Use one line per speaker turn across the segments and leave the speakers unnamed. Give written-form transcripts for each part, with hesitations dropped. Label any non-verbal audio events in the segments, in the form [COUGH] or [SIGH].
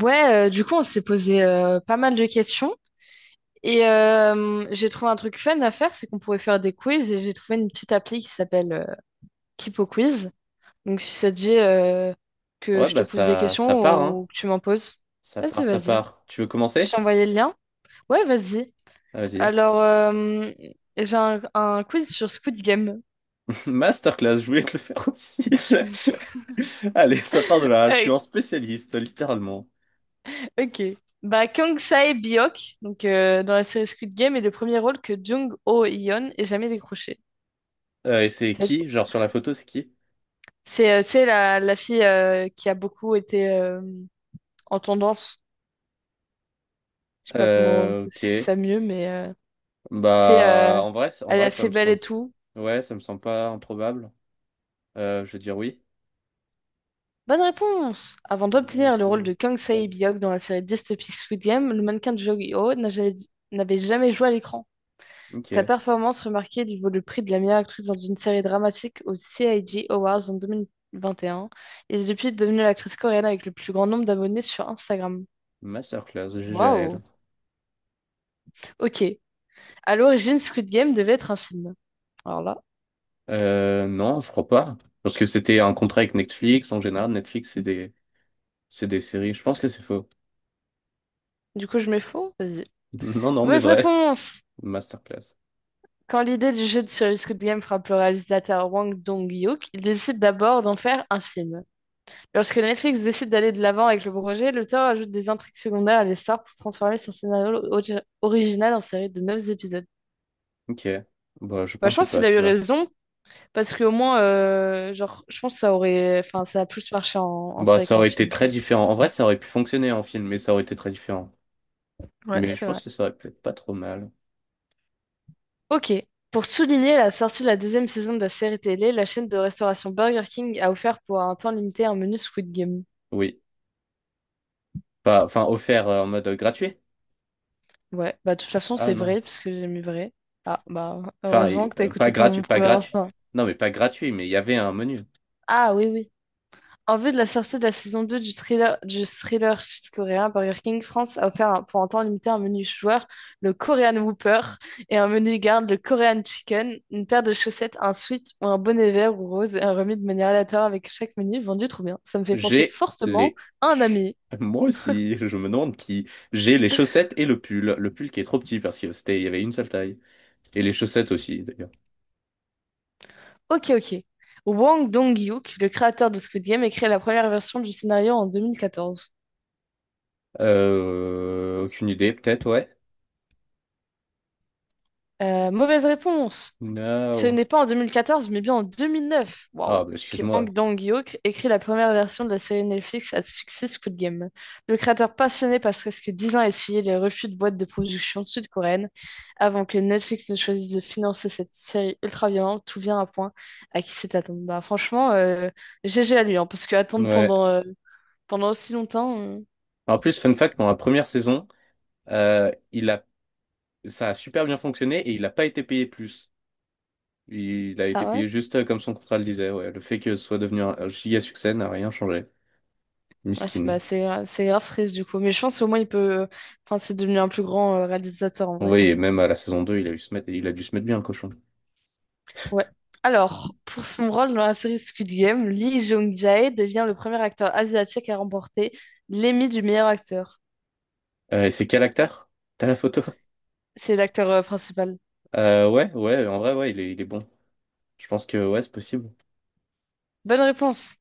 Ouais, du coup, on s'est posé pas mal de questions. Et j'ai trouvé un truc fun à faire, c'est qu'on pourrait faire des quiz. Et j'ai trouvé une petite appli qui s'appelle Kipo Quiz. Donc, si ça te dit que
Ouais,
je te
bah
pose des
ça
questions
part, hein.
ou que tu m'en poses,
Ça
vas-y,
part, ça
vas-y.
part. Tu veux
Je
commencer?
t'ai envoyé le lien. Ouais, vas-y.
Ah, vas-y.
Alors, j'ai un quiz sur Squid Game.
[LAUGHS] Masterclass, je voulais te le faire aussi. [LAUGHS] Allez, ça part de là. Je suis
Ok.
un spécialiste, littéralement.
Ok. Bah, Kang Sae-biok, donc dans la série Squid Game, est le premier rôle que Jung Ho-yeon ait jamais décroché.
Et c'est qui? Genre sur la photo, c'est qui?
C'est la fille qui a beaucoup été en tendance. Je sais pas comment c'est
Ok.
ça mieux, mais c'est, euh,
Bah, en vrai, en
elle est
vrai, ça
assez
me
belle et
semble.
tout.
Ouais, ça me semble pas improbable. Je veux dire oui.
Bonne réponse! Avant d'obtenir
Let's
le rôle
go.
de Kang Sae-biok dans la série dystopique Squid Game, le mannequin de Joo-ho n'avait jamais joué à l'écran. Sa
Ok.
performance remarquée lui vaut le prix de la meilleure actrice dans une série dramatique aux CIG Awards en 2021. Elle est depuis devenue l'actrice coréenne avec le plus grand nombre d'abonnés sur Instagram.
Masterclass, GGL.
Waouh! Ok. À l'origine, Squid Game devait être un film. Alors là,
Non, je crois pas. Parce que c'était un contrat avec Netflix. En général, Netflix, c'est des séries. Je pense que c'est faux.
du coup, je mets faux. Vas-y.
Non, non, mais
Mauvaise
vrai.
réponse!
Masterclass.
Quand l'idée du jeu de série Squid Game frappe le réalisateur Wang Dong-hyuk, il décide d'abord d'en faire un film. Lorsque Netflix décide d'aller de l'avant avec le projet, l'auteur ajoute des intrigues secondaires à l'histoire pour transformer son original en série de 9 épisodes.
Ok. Bah, je
Bah, je
pensais
pense
pas,
qu'il a eu
tu vois.
raison, parce qu'au moins, genre, je pense que ça aurait, enfin, ça a plus marché en
Bah,
série
ça
qu'en
aurait été
film,
très
genre.
différent. En vrai, ça aurait pu fonctionner en film, mais ça aurait été très différent.
Ouais,
Mais je
c'est vrai.
pense que ça aurait pu être pas trop mal.
Ok. Pour souligner la sortie de la deuxième saison de la série télé, la chaîne de restauration Burger King a offert pour un temps limité un menu Squid Game.
Oui. Pas, enfin, offert en mode gratuit?
Ouais, bah de toute façon
Ah
c'est
non.
vrai, parce que j'ai mis vrai. Ah bah
Enfin,
heureusement
et,
que t'as
pas
écouté
gratuit,
ton
pas
premier
gratuit.
instinct.
Non, mais pas gratuit, mais il y avait un menu.
Ah oui, oui. En vue de la sortie de la saison 2 du thriller sud-coréen, Burger King France a pour un temps limité un menu joueur, le Korean Whopper, et un menu garde, le Korean Chicken, une paire de chaussettes, un sweat ou un bonnet vert ou rose, et un remis de manière aléatoire avec chaque menu vendu trop bien. Ça me fait penser
J'ai
fortement
les.
à un
ch-
ami.
[LAUGHS] Moi aussi, je me demande qui. J'ai les chaussettes et le pull. Le pull qui est trop petit parce que c'était, il y avait une seule taille. Et les chaussettes aussi, d'ailleurs.
Ok, ok. Wang Dong-hyuk, le créateur de Squid Game, a créé la première version du scénario en 2014.
Aucune idée, peut-être, ouais.
Mauvaise réponse. Ce
No.
n'est pas en 2014, mais bien en 2009,
Ah,
waouh,
bah,
que Hang
excuse-moi.
Dong-hyuk écrit la première version de la série Netflix à succès Squid Game. Le créateur passionné passe presque 10 ans à essuyer les refus de boîtes de production sud-coréennes avant que Netflix ne choisisse de financer cette série ultra-violente. Tout vient à point à qui c'est attendu. Bah, franchement, GG à lui, hein, parce que attendre
Ouais.
pendant aussi longtemps.
En plus, fun fact, pendant la première saison, euh, il a, ça a super bien fonctionné et il n'a pas été payé plus. Il a
Ah
été
ouais?
payé juste comme son contrat le disait. Ouais. Le fait que ce soit devenu un giga succès n'a rien changé.
Ouais,
Miskin.
c'est grave triste du coup. Mais je pense au moins il peut. euh, Enfin, c'est devenu un plus grand réalisateur en vrai quand
Oui.
même.
Même à la saison deux, il a dû se mettre bien, le cochon.
Ouais. Alors, pour son rôle dans la série Squid Game, Lee Jong-jae devient le premier acteur asiatique à remporter l'Emmy du meilleur acteur.
Et c'est quel acteur? T'as la photo?
C'est l'acteur principal.
Ouais, ouais, en vrai, ouais, il est bon. Je pense que, ouais, c'est possible.
Bonne réponse.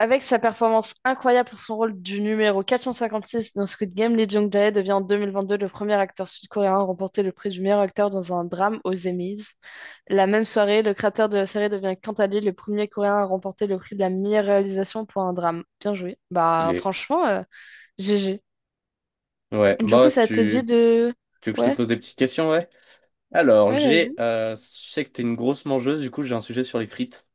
Avec sa performance incroyable pour son rôle du numéro 456 dans Squid Game, Lee Jong-jae devient en 2022 le premier acteur sud-coréen à remporter le prix du meilleur acteur dans un drame aux Emmys. La même soirée, le créateur de la série devient quant à lui le premier coréen à remporter le prix de la meilleure réalisation pour un drame. Bien joué.
Il
Bah
est.
franchement, GG.
Ouais.
Du
Bah,
coup, ça te dit
tu,
de...
tu veux que je te
Ouais,
pose des petites questions, ouais? Alors,
ouais, vas-y.
je sais que t'es une grosse mangeuse, du coup, j'ai un sujet sur les frites.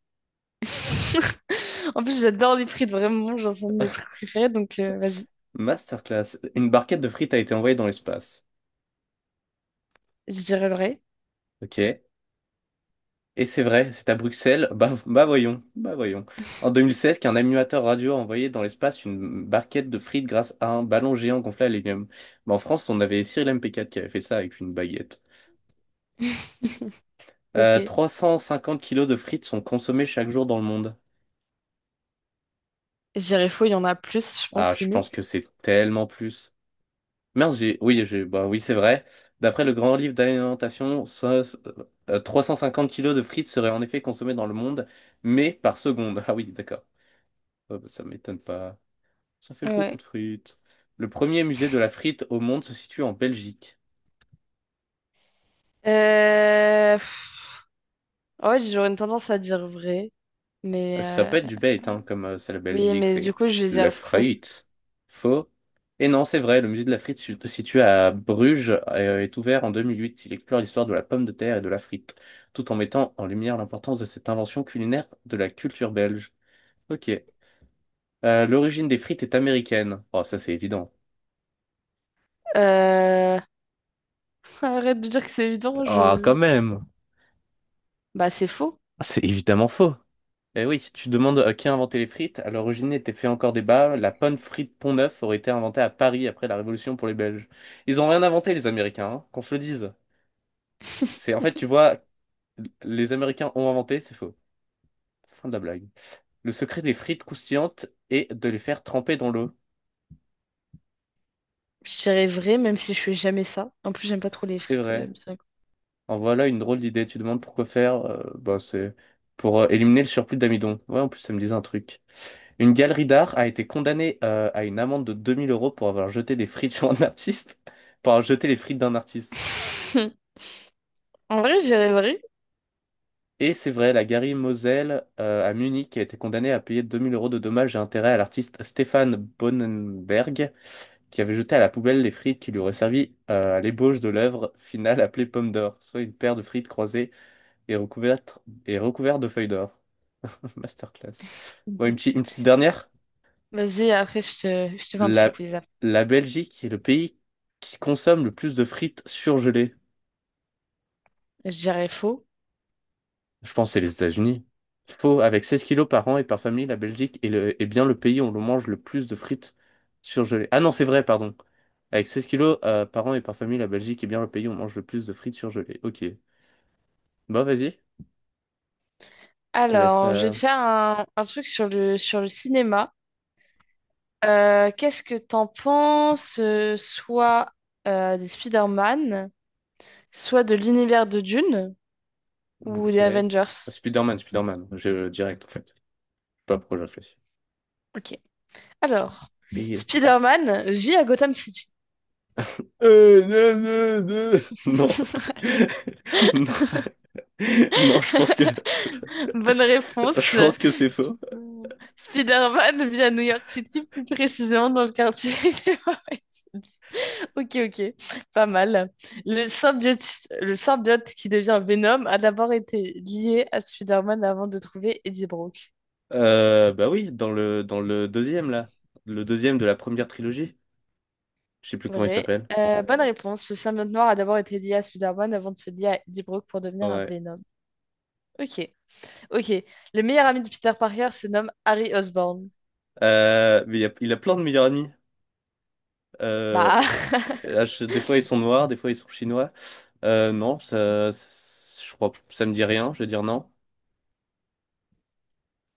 [LAUGHS] En plus, j'adore les frites, vraiment, genre, c'est un de mes trucs préférés, donc vas-y,
Masterclass. Une barquette de frites a été envoyée dans l'espace.
je dirais vrai.
Ok. Et c'est vrai, c'est à Bruxelles. Bah, bah voyons, bah voyons. En 2016, qu'un animateur radio a envoyé dans l'espace une barquette de frites grâce à un ballon géant gonflé à l'hélium. Bah, en France, on avait Cyril MP4 qui avait fait ça avec une baguette.
[LAUGHS] Ok.
350 kilos de frites sont consommés chaque jour dans le monde.
Je dirais faux, il y en a plus, je
Ah,
pense,
je pense
limite.
que c'est tellement plus. Mince, oui, j'ai, bah oui, c'est vrai. D'après le grand livre d'alimentation, 350 kilos de frites seraient en effet consommés dans le monde, mais par seconde. [LAUGHS] Ah oui, d'accord. Ouais, bah, ça m'étonne pas. Ça fait beaucoup
Ouais.
de frites. Le premier musée de la frite au monde se situe en Belgique.
Euh... pff, Ouais, j'aurais une tendance à dire vrai,
Ah,
mais...
ça peut être
euh,
du bait, hein, comme c'est la
Oui,
Belgique,
mais du
c'est
coup, je vais
le
dire faux.
freit. Faux. Et non, c'est vrai, le musée de la frite situé à Bruges est ouvert en 2008. Il explore l'histoire de la pomme de terre et de la frite, tout en mettant en lumière l'importance de cette invention culinaire de la culture belge. Ok. L'origine des frites est américaine. Oh, ça c'est évident.
Euh... Arrête de dire que c'est évident,
Ah,
je...
quand même.
Bah, c'est faux.
C'est évidemment faux. Eh oui, tu demandes à qui a inventé les frites. À l'origine était fait encore débat. La panne frite Pont-Neuf aurait été inventée à Paris après la Révolution pour les Belges. Ils ont rien inventé, les Américains, hein, qu'on se le dise. C'est en fait, tu vois, les Américains ont inventé, c'est faux. Fin de la blague. Le secret des frites croustillantes est de les faire tremper dans l'eau.
Je dirais vrai, même si je fais jamais ça. En plus, j'aime pas trop les
C'est
frites,
vrai.
bien.
En voilà une drôle d'idée. Tu demandes pourquoi faire. Bah, c'est pour éliminer le surplus d'amidon. Ouais, en plus, ça me disait un truc. Une galerie d'art a été condamnée à une amende de 2000 € pour avoir jeté des frites [LAUGHS] sur un artiste, [LAUGHS] pour avoir jeté les frites d'un artiste.
[LAUGHS] En vrai, je dirais vrai.
Et c'est vrai, la galerie Moselle à Munich a été condamnée à payer 2000 € de dommages et intérêts à l'artiste Stéphane Bonenberg, qui avait jeté à la poubelle les frites qui lui auraient servi à l'ébauche de l'œuvre finale appelée Pomme d'or, soit une paire de frites croisées et recouvertes, et recouvertes de feuilles d'or. [LAUGHS] Masterclass. Bon, une petite dernière?
Vas-y, après, je te fais un petit
La,
quiz. Après.
la Belgique est le pays qui consomme le plus de frites surgelées.
Je dirais faux.
Je pense que c'est les États-Unis. Faux, avec 16 kilos par an et par famille, la Belgique est bien le pays où l'on mange le plus de frites surgelées. Ah non, c'est vrai, pardon. Avec 16 kilos par an et par famille, la Belgique est bien le pays où on mange le plus de frites surgelées. Ok. Bon, vas-y. Je te laisse.
Alors, je vais te faire un truc sur le cinéma. Qu'est-ce que t'en penses, soit des Spider-Man, soit de l'univers de Dune ou des
Ok.
Avengers?
Spider-Man, Spider-Man. Je direct, en fait. Je sais pas pourquoi j'ai réfléchi.
Ok. Alors,
Spider-Man.
Spider-Man vit à Gotham City.
Non, non, non. [LAUGHS] Non.
[LAUGHS] Allez.
[LAUGHS] Non. [LAUGHS] Non, je pense que
Bonne
[LAUGHS] je
réponse.
pense que c'est faux.
Spider-Man vit à New York City, plus précisément dans le quartier [LAUGHS] des Warren. Ok, ok, pas mal. Le symbiote, le symbiote qui devient Venom a d'abord été lié à Spider-Man avant de trouver Eddie Brock.
Bah oui, dans le deuxième là, le deuxième de la première trilogie. Je sais plus comment il
Vrai.
s'appelle.
Bonne réponse. Le symbiote noir a d'abord été lié à Spider-Man avant de se lier à Eddie Brock pour devenir un
Ouais.
Venom. Ok, ok. Le meilleur ami de Peter Parker se nomme Harry Osborn.
Mais il a plein de meilleurs amis. Euh,
Bah,
Là,
[LAUGHS]
des fois ils sont noirs, des fois ils sont chinois. Non, je crois ça me dit rien. Je vais dire non,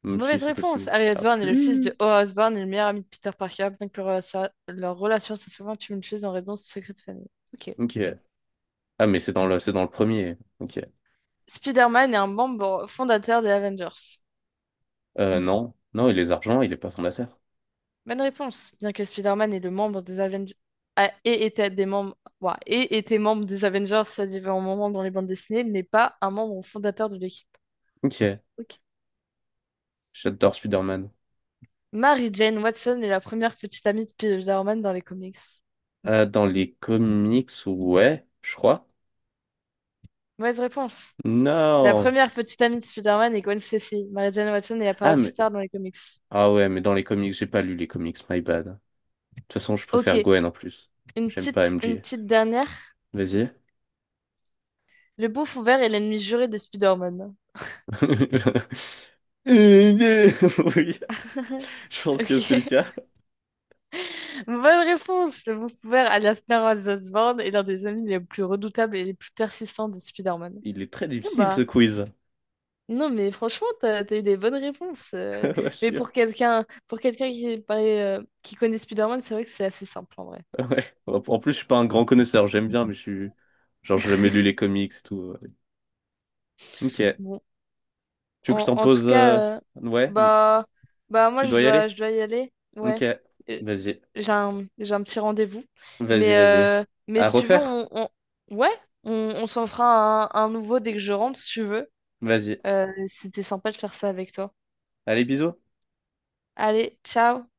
même si
mauvaise
c'est
réponse.
possible.
Harry
Ah,
Osborn est le fils de
flûte.
Oa Osborn et le meilleur ami de Peter Parker, bien que leur relation soit souvent tumultueuse en raison de ce secret de famille. Ok.
Ok. Ah mais c'est dans le premier. Ok.
Spider-Man est un membre fondateur des Avengers.
Non, non, il est argent, il est pas fondateur.
Bonne réponse, bien que Spider-Man est le membre des Avengers et était des membres ouah, ait été membre des Avengers à différents moments dans les bandes dessinées, il n'est pas un membre fondateur de l'équipe.
Ok.
Ok.
J'adore Spider-Man.
Mary Jane Watson est la première petite amie de Spider-Man dans les comics.
Dans les comics, ouais, je crois.
Mauvaise réponse. La
Non.
première petite amie de Spider-Man est Gwen Stacy. Mary Jane Watson est
Ah,
apparue plus
mais...
tard dans les comics.
ah ouais, mais dans les comics, j'ai pas lu les comics, my bad. De toute façon, je
Ok,
préfère Gwen en plus. J'aime pas
une
MJ.
petite dernière.
Vas-y.
Le bouffon vert est l'ennemi juré de Spider-Man.
[LAUGHS] Oui,
[LAUGHS]
je pense que c'est le
Ok.
cas.
Bonne réponse! Le découvert alias Norman Osborn est l'un des amis les plus redoutables et les plus persistants de Spider-Man.
Il est très
Non
difficile ce
bah,
quiz.
non mais franchement, t'as eu des bonnes réponses.
[LAUGHS] Ouais, je suis
Mais
sûr.
pour quelqu'un qui est pas, qui connaît Spider-Man, c'est vrai que c'est assez simple en vrai.
Ouais. En plus, je suis pas un grand connaisseur. J'aime bien, mais je suis. Genre, j'ai jamais lu les comics et tout. Ok. Tu
Bon,
veux que je t'en
en tout
pose.
cas,
Ouais.
bah, bah moi
Tu dois y aller?
je dois y aller.
Ok.
Ouais, Euh,
Vas-y.
j'ai un petit rendez-vous.
Vas-y,
Mais,
vas-y.
euh, mais
À
si tu veux,
refaire?
ouais, on s'en fera un nouveau dès que je rentre, si tu veux.
Vas-y.
C'était sympa de faire ça avec toi.
Allez, bisous.
Allez, ciao!